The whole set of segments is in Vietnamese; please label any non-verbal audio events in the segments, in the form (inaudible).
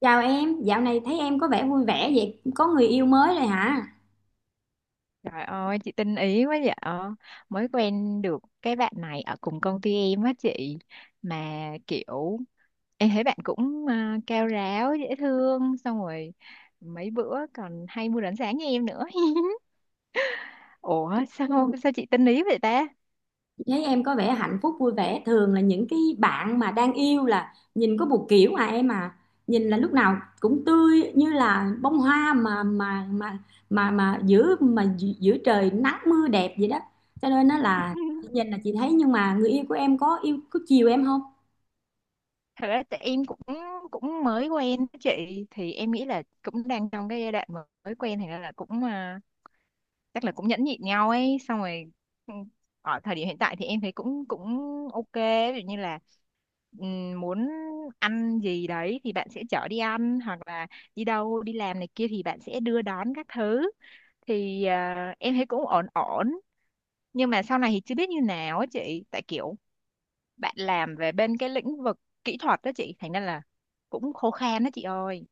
Chào em, dạo này thấy em có vẻ vui vẻ vậy, có người yêu mới rồi hả? Trời ơi, chị tinh ý quá vậy. Ờ, Mới quen được cái bạn này ở cùng công ty em á chị. Mà kiểu em thấy bạn cũng cao ráo, dễ thương. Xong rồi mấy bữa còn hay mua đánh sáng như em nữa. (laughs) Ủa sao sao chị tinh ý vậy ta? Thấy em có vẻ hạnh phúc vui vẻ, thường là những cái bạn mà đang yêu là nhìn có một kiểu à em à, nhìn là lúc nào cũng tươi như là bông hoa mà giữa mà gi- giữa trời nắng mưa đẹp vậy đó. Cho nên nó là chị nhìn là chị thấy, nhưng mà người yêu của em có yêu có chiều em không? Thật ra tại em cũng cũng mới quen á chị, thì em nghĩ là cũng đang trong cái giai đoạn mà mới quen thì ra là cũng chắc là cũng nhẫn nhịn nhau ấy. Xong rồi ừ, ở thời điểm hiện tại thì em thấy cũng cũng ok. Ví dụ như là muốn ăn gì đấy thì bạn sẽ chở đi ăn, hoặc là đi đâu đi làm này kia thì bạn sẽ đưa đón các thứ, thì em thấy cũng ổn ổn. Nhưng mà sau này thì chưa biết như nào á chị, tại kiểu bạn làm về bên cái lĩnh vực kỹ thuật đó chị, thành ra là cũng khô khan đó chị ơi,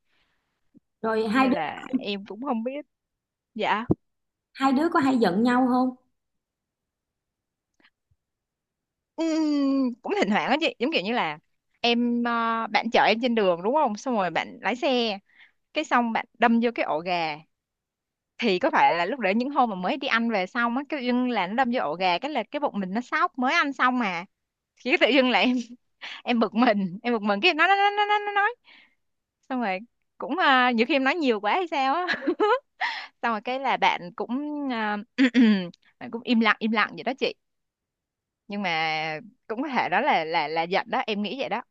Rồi hai nên đứa là em cũng không biết. Dạ. hai đứa có hay giận nhau không? Cũng thỉnh thoảng á chị, giống kiểu như là em bạn chở em trên đường đúng không, xong rồi bạn lái xe cái xong bạn đâm vô cái ổ gà. Thì có phải là lúc đấy những hôm mà mới đi ăn về xong á, cái dưng là nó đâm vô ổ gà, cái là cái bụng mình nó sóc mới ăn xong mà. Cái tự dưng là em (laughs) em bực mình cái nó nói. Xong rồi cũng nhiều khi em nói nhiều quá hay sao á. (laughs) Xong rồi cái là bạn cũng (clears throat) bạn cũng im lặng vậy đó chị. Nhưng mà cũng có thể đó là giận đó, em nghĩ vậy đó.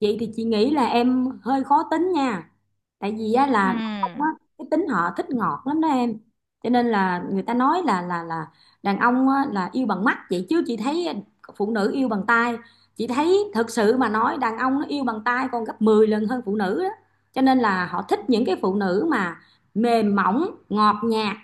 Vậy thì chị nghĩ là em hơi khó tính nha. Tại vì á, ừ là đàn ông á, cái tính họ thích ngọt lắm đó em, cho nên là người ta nói là đàn ông á, là yêu bằng mắt, vậy chứ chị thấy phụ nữ yêu bằng tai. Chị thấy thực sự mà nói đàn ông nó yêu bằng tai còn gấp 10 lần hơn phụ nữ đó. Cho nên là họ thích những cái phụ nữ mà mềm mỏng ngọt nhạt,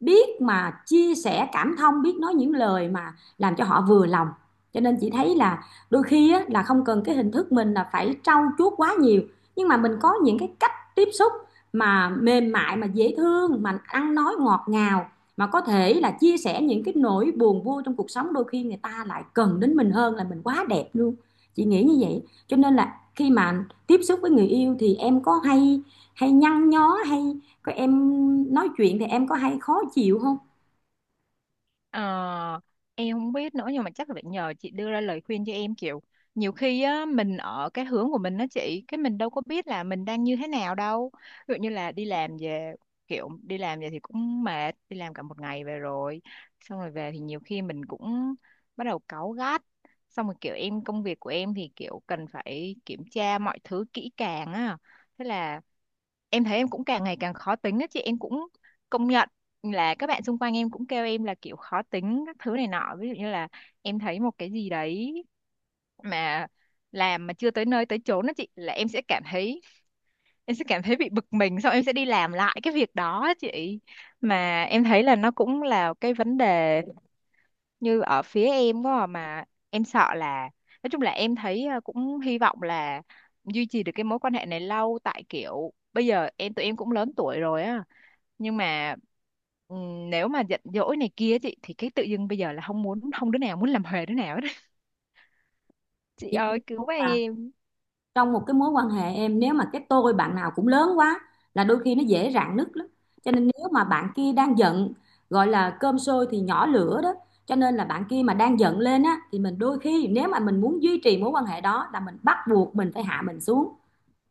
biết mà chia sẻ cảm thông, biết nói những lời mà làm cho họ vừa lòng. Cho nên chị thấy là đôi khi á, là không cần cái hình thức mình là phải trau chuốt quá nhiều, nhưng mà mình có những cái cách tiếp xúc mà mềm mại, mà dễ thương, mà ăn nói ngọt ngào, mà có thể là chia sẻ những cái nỗi buồn vui trong cuộc sống, đôi khi người ta lại cần đến mình hơn là mình quá đẹp luôn. Chị nghĩ như vậy. Cho nên là khi mà tiếp xúc với người yêu thì em có hay hay nhăn nhó hay có em nói chuyện thì em có hay khó chịu không? ờ, em không biết nữa, nhưng mà chắc là phải nhờ chị đưa ra lời khuyên cho em. Kiểu nhiều khi á mình ở cái hướng của mình đó chị, cái mình đâu có biết là mình đang như thế nào đâu. Ví dụ như là đi làm về thì cũng mệt, đi làm cả một ngày về rồi. Xong rồi về thì nhiều khi mình cũng bắt đầu cáu gắt. Xong rồi kiểu em, công việc của em thì kiểu cần phải kiểm tra mọi thứ kỹ càng á. Thế là em thấy em cũng càng ngày càng khó tính á chị, em cũng công nhận là các bạn xung quanh em cũng kêu em là kiểu khó tính các thứ này nọ. Ví dụ như là em thấy một cái gì đấy mà làm mà chưa tới nơi tới chốn đó chị, là em sẽ cảm thấy bị bực mình, xong em sẽ đi làm lại cái việc đó á chị. Mà em thấy là nó cũng là cái vấn đề như ở phía em quá mà em sợ là, nói chung là em thấy cũng hy vọng là duy trì được cái mối quan hệ này lâu, tại kiểu bây giờ tụi em cũng lớn tuổi rồi á. Nhưng mà nếu mà giận dỗi này kia chị, thì cái tự dưng bây giờ là không đứa nào muốn làm huề đứa nào hết. (laughs) Chị Chị nghĩ ơi không? cứu Và em. trong một cái mối quan hệ em, nếu mà cái tôi bạn nào cũng lớn quá là đôi khi nó dễ rạn nứt lắm. Cho nên nếu mà bạn kia đang giận, gọi là cơm sôi thì nhỏ lửa đó. Cho nên là bạn kia mà đang giận lên á, thì mình đôi khi nếu mà mình muốn duy trì mối quan hệ đó là mình bắt buộc mình phải hạ mình xuống.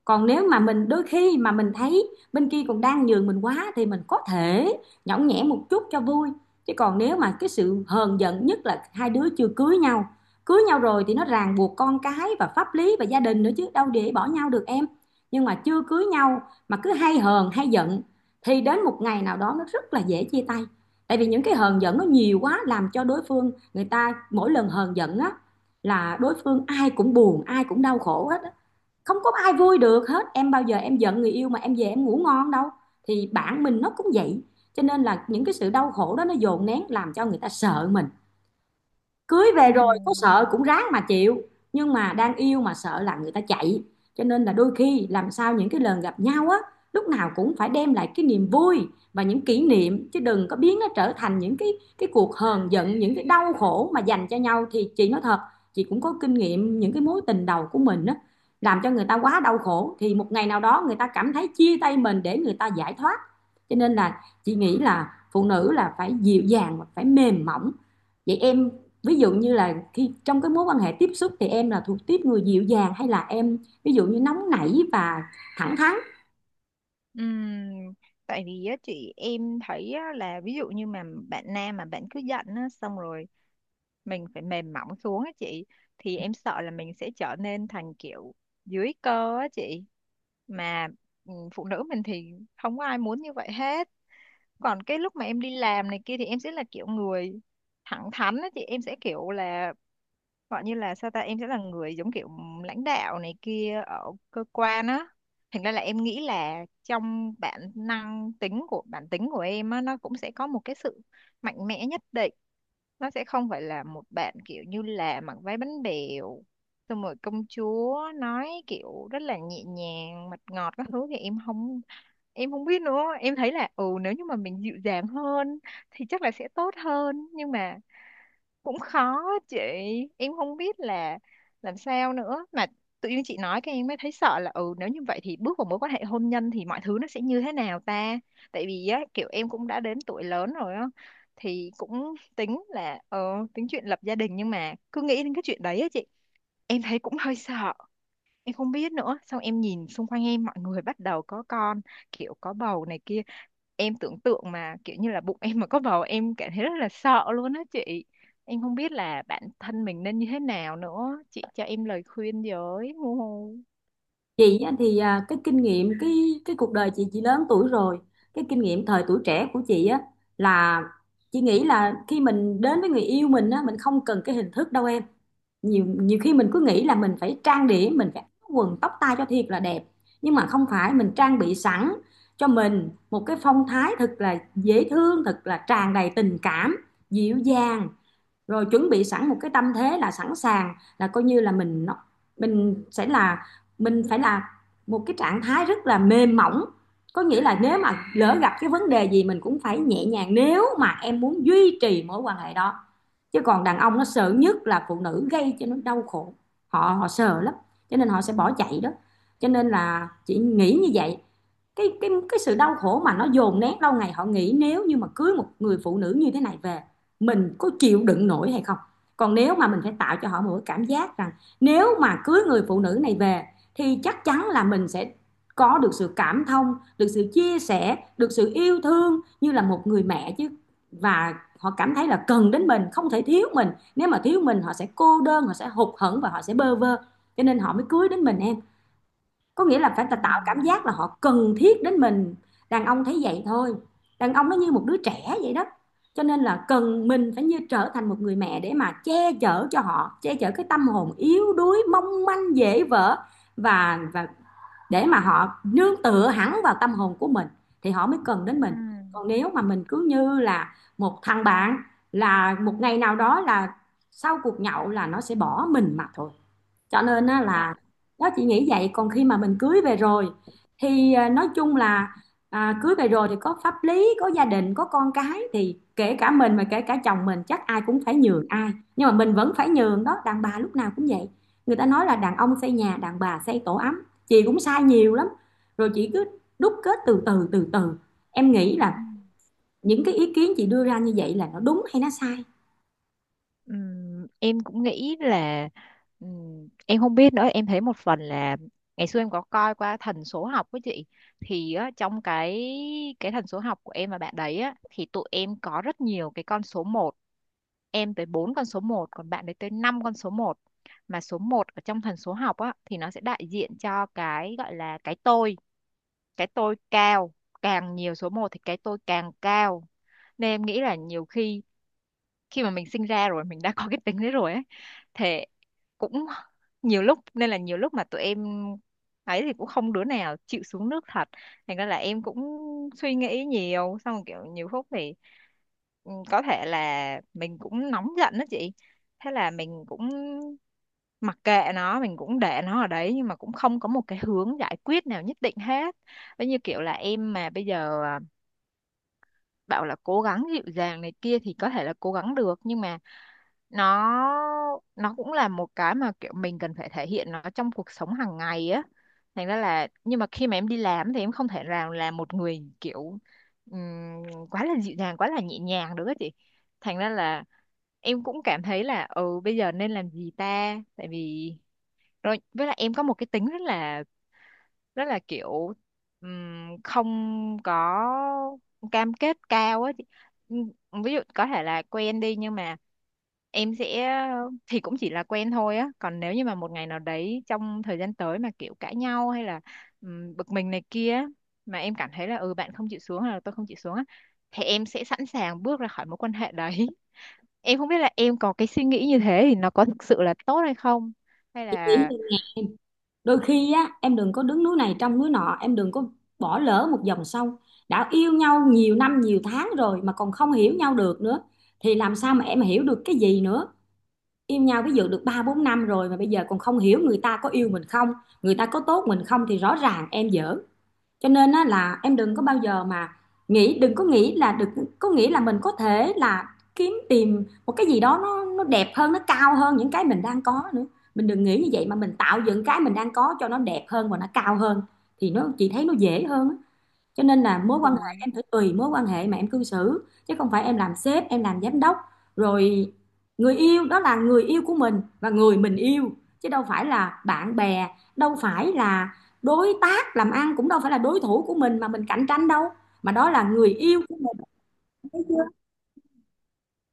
Còn nếu mà mình đôi khi mà mình thấy bên kia còn đang nhường mình quá thì mình có thể nhõng nhẽo một chút cho vui. Chứ còn nếu mà cái sự hờn giận, nhất là hai đứa chưa cưới nhau, cưới nhau rồi thì nó ràng buộc con cái và pháp lý và gia đình nữa chứ đâu để bỏ nhau được em. Nhưng mà chưa cưới nhau mà cứ hay hờn hay giận thì đến một ngày nào đó nó rất là dễ chia tay. Tại vì những cái hờn giận nó nhiều quá làm cho đối phương, người ta mỗi lần hờn giận á, là đối phương ai cũng buồn, ai cũng đau khổ hết, không có ai vui được hết em. Bao giờ em giận người yêu mà em về em ngủ ngon đâu, thì bản mình nó cũng vậy. Cho nên là những cái sự đau khổ đó nó dồn nén làm cho người ta sợ mình. Cưới về rồi có Ừm, sợ cũng ráng mà chịu, nhưng mà đang yêu mà sợ là người ta chạy. Cho nên là đôi khi làm sao những cái lần gặp nhau á, lúc nào cũng phải đem lại cái niềm vui và những kỷ niệm, chứ đừng có biến nó trở thành những cái cuộc hờn giận, những cái đau khổ mà dành cho nhau. Thì chị nói thật, chị cũng có kinh nghiệm những cái mối tình đầu của mình á, làm cho người ta quá đau khổ thì một ngày nào đó người ta cảm thấy chia tay mình để người ta giải thoát. Cho nên là chị nghĩ là phụ nữ là phải dịu dàng và phải mềm mỏng. Vậy em, ví dụ như là khi trong cái mối quan hệ tiếp xúc thì em là thuộc tiếp người dịu dàng hay là em ví dụ như nóng nảy và thẳng thắn? ừm, Tại vì á chị, em thấy á, là ví dụ như mà bạn nam mà bạn cứ giận á, xong rồi mình phải mềm mỏng xuống á chị, thì em sợ là mình sẽ trở nên thành kiểu dưới cơ á chị. Mà phụ nữ mình thì không có ai muốn như vậy hết. Còn cái lúc mà em đi làm này kia thì em sẽ là kiểu người thẳng thắn á chị, em sẽ kiểu là, gọi như là sao ta, em sẽ là người giống kiểu lãnh đạo này kia ở cơ quan á. Thành ra là em nghĩ là trong bản tính của em á, nó cũng sẽ có một cái sự mạnh mẽ nhất định. Nó sẽ không phải là một bạn kiểu như là mặc váy bánh bèo, xong rồi công chúa nói kiểu rất là nhẹ nhàng mật ngọt các thứ, thì em không biết nữa. Em thấy là nếu như mà mình dịu dàng hơn thì chắc là sẽ tốt hơn, nhưng mà cũng khó á chị. Em không biết là làm sao nữa, mà tự nhiên chị nói cái em mới thấy sợ là nếu như vậy thì bước vào mối quan hệ hôn nhân thì mọi thứ nó sẽ như thế nào ta. Tại vì á kiểu em cũng đã đến tuổi lớn rồi á, thì cũng tính là tính chuyện lập gia đình. Nhưng mà cứ nghĩ đến cái chuyện đấy á chị, em thấy cũng hơi sợ. Em không biết nữa, xong em nhìn xung quanh em mọi người bắt đầu có con, kiểu có bầu này kia. Em tưởng tượng mà kiểu như là bụng em mà có bầu, em cảm thấy rất là sợ luôn á chị. Em không biết là bản thân mình nên như thế nào nữa, chị cho em lời khuyên với. Hu. Hu. Chị á thì à, cái kinh nghiệm, cái cuộc đời chị lớn tuổi rồi, cái kinh nghiệm thời tuổi trẻ của chị á, là chị nghĩ là khi mình đến với người yêu mình á, mình không cần cái hình thức đâu em. Nhiều nhiều khi mình cứ nghĩ là mình phải trang điểm, mình phải áo quần tóc tai cho thiệt là đẹp, nhưng mà không phải. Mình trang bị sẵn cho mình một cái phong thái thật là dễ thương, thật là tràn đầy tình cảm, dịu dàng, rồi chuẩn bị sẵn một cái tâm thế là sẵn sàng, là coi như là mình nó, mình sẽ là, mình phải là một cái trạng thái rất là mềm mỏng. Có nghĩa là nếu mà lỡ gặp cái vấn đề gì mình cũng phải nhẹ nhàng, nếu mà em muốn duy trì mối quan hệ đó. Chứ còn đàn ông nó sợ nhất là phụ nữ gây cho nó đau khổ, họ họ sợ lắm, cho nên họ sẽ bỏ chạy đó. Cho nên là chị nghĩ như vậy. Cái sự đau khổ mà nó dồn nén lâu ngày, họ nghĩ nếu như mà cưới một người phụ nữ như thế này về, mình có chịu đựng nổi hay không. Còn nếu mà mình phải tạo cho họ một cái cảm giác rằng nếu mà cưới người phụ nữ này về thì chắc chắn là mình sẽ có được sự cảm thông, được sự chia sẻ, được sự yêu thương như là một người mẹ chứ. Và họ cảm thấy là cần đến mình, không thể thiếu mình. Nếu mà thiếu mình họ sẽ cô đơn, họ sẽ hụt hẫng và họ sẽ bơ vơ. Cho nên họ mới cưới đến mình em. Có nghĩa là phải Ừ. tạo cảm giác là họ cần thiết đến mình. Đàn ông thấy vậy thôi, đàn ông nó như một đứa trẻ vậy đó. Cho nên là cần mình phải như trở thành một người mẹ để mà che chở cho họ, che chở cái tâm hồn yếu đuối mong manh dễ vỡ, và để mà họ nương tựa hẳn vào tâm hồn của mình, thì họ mới cần đến Ừ. mình. Còn nếu mà mình cứ như là một thằng bạn là một ngày nào đó là sau cuộc nhậu là nó sẽ bỏ mình mà thôi. Cho nên á Dạ. là đó, chị nghĩ vậy. Còn khi mà mình cưới về rồi thì nói chung là, cưới về rồi thì có pháp lý, có gia đình, có con cái, thì kể cả mình mà kể cả chồng mình, chắc ai cũng phải nhường ai, nhưng mà mình vẫn phải nhường đó, đàn bà lúc nào cũng vậy. Người ta nói là đàn ông xây nhà, đàn bà xây tổ ấm. Chị cũng sai nhiều lắm rồi, chị cứ đúc kết từ từ. Em nghĩ là Ừ. những cái ý kiến chị đưa ra như vậy là nó đúng hay nó sai? Em cũng nghĩ là, em không biết nữa. Em thấy một phần là ngày xưa em có coi qua thần số học với chị, thì á trong cái thần số học của em và bạn đấy á, thì tụi em có rất nhiều cái con số 1. Em tới 4 con số 1 còn bạn ấy tới 5 con số 1. Mà số 1 ở trong thần số học á, thì nó sẽ đại diện cho cái gọi là cái tôi. Cái tôi cao, càng nhiều số 1 thì cái tôi càng cao. Nên em nghĩ là nhiều khi khi mà mình sinh ra rồi mình đã có cái tính đấy rồi ấy. Thế cũng nhiều lúc mà tụi em ấy, thì cũng không đứa nào chịu xuống nước thật. Thành ra là em cũng suy nghĩ nhiều, xong rồi kiểu nhiều phút thì có thể là mình cũng nóng giận đó chị. Thế là mình cũng mặc kệ nó, mình cũng để nó ở đấy, nhưng mà cũng không có một cái hướng giải quyết nào nhất định hết. Giống như kiểu là em mà bây giờ bảo là cố gắng dịu dàng này kia thì có thể là cố gắng được. Nhưng mà nó nó cũng là một cái mà kiểu mình cần phải thể hiện nó trong cuộc sống hàng ngày á. Thành ra là, nhưng mà khi mà em đi làm thì em không thể nào là một người kiểu ừm, quá là dịu dàng quá là nhẹ nhàng được á chị. Thành ra là em cũng cảm thấy là bây giờ nên làm gì ta. Tại vì, rồi với lại em có một cái tính rất là kiểu không có cam kết cao á chị. Ví dụ có thể là quen đi, nhưng mà em sẽ thì cũng chỉ là quen thôi á. Còn nếu như mà một ngày nào đấy trong thời gian tới mà kiểu cãi nhau, hay là bực mình này kia á, mà em cảm thấy là bạn không chịu xuống hay là tôi không chịu xuống á, thì em sẽ sẵn sàng bước ra khỏi mối quan hệ đấy. (laughs) Em không biết là em có cái suy nghĩ như thế thì nó có thực sự là tốt hay không, hay là. Đôi khi á, em đừng có đứng núi này trông núi nọ, em đừng có bỏ lỡ một dòng sông. Đã yêu nhau nhiều năm nhiều tháng rồi mà còn không hiểu nhau được nữa thì làm sao mà em hiểu được cái gì nữa. Yêu nhau ví dụ được ba bốn năm rồi mà bây giờ còn không hiểu người ta có yêu mình không, người ta có tốt mình không, thì rõ ràng em dở. Cho nên á, là em đừng có bao giờ mà nghĩ, đừng có nghĩ là được, có nghĩ là mình có thể là kiếm tìm một cái gì đó nó đẹp hơn, nó cao hơn những cái mình đang có nữa. Mình đừng nghĩ như vậy mà mình tạo dựng cái mình đang có cho nó đẹp hơn và nó cao hơn, thì nó chị thấy nó dễ hơn á. Cho nên là mối Dạ. quan hệ em phải tùy mối quan hệ mà em cư xử, chứ không phải em làm sếp, em làm giám đốc. Rồi, người yêu đó là người yêu của mình và người mình yêu, chứ đâu phải là bạn bè, đâu phải là đối tác làm ăn, cũng đâu phải là đối thủ của mình mà mình cạnh tranh đâu, mà đó là người yêu của mình.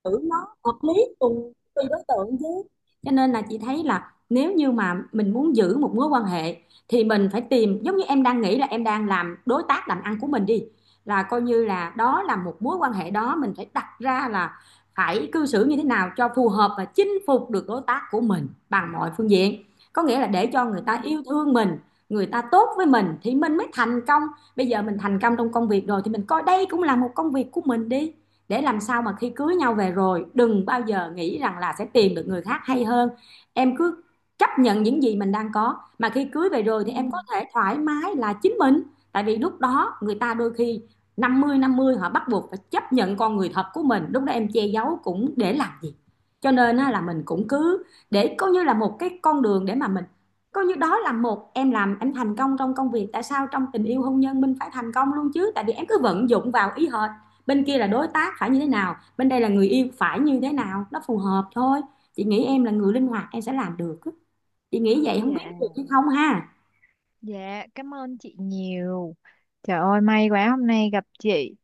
Xử nó hợp lý cùng tùy đối tượng chứ. Cho nên là chị thấy là nếu như mà mình muốn giữ một mối quan hệ thì mình phải tìm, giống như em đang nghĩ là em đang làm đối tác làm ăn của mình đi, là coi như là đó là một mối quan hệ, đó mình phải đặt ra là phải cư xử như thế nào cho phù hợp và chinh phục được đối tác của mình bằng mọi phương diện. Có nghĩa là để cho người ta Ừm, yêu thương mình, người ta tốt với mình thì mình mới thành công. Bây giờ mình thành công trong công việc rồi thì mình coi đây cũng là một công việc của mình đi, để làm sao mà khi cưới nhau về rồi đừng bao giờ nghĩ rằng là sẽ tìm được người khác hay hơn. Em cứ chấp nhận những gì mình đang có, mà khi cưới về rồi thì em có ừm, thể thoải mái là chính mình. Tại vì lúc đó người ta đôi khi 50/50, họ bắt buộc phải chấp nhận con người thật của mình, lúc đó em che giấu cũng để làm gì. Cho nên là mình cũng cứ để coi như là một cái con đường để mà mình coi như đó là một, em làm em thành công trong công việc, tại sao trong tình yêu hôn nhân mình phải thành công luôn chứ. Tại vì em cứ vận dụng vào ý hệt, bên kia là đối tác phải như thế nào, bên đây là người yêu phải như thế nào, nó phù hợp thôi. Chị nghĩ em là người linh hoạt, em sẽ làm được. Chị nghĩ vậy, không biết dạ. được hay không ha. Dạ, cảm ơn chị nhiều. Trời ơi, may quá hôm nay gặp chị,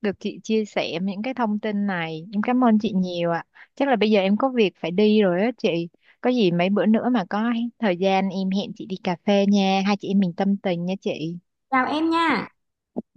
được chị chia sẻ những cái thông tin này. Em cảm ơn chị nhiều ạ. Chắc là bây giờ em có việc phải đi rồi á chị. Có gì mấy bữa nữa mà có thời gian em hẹn chị đi cà phê nha. Hai chị em mình tâm tình nha chị. Chào em nha.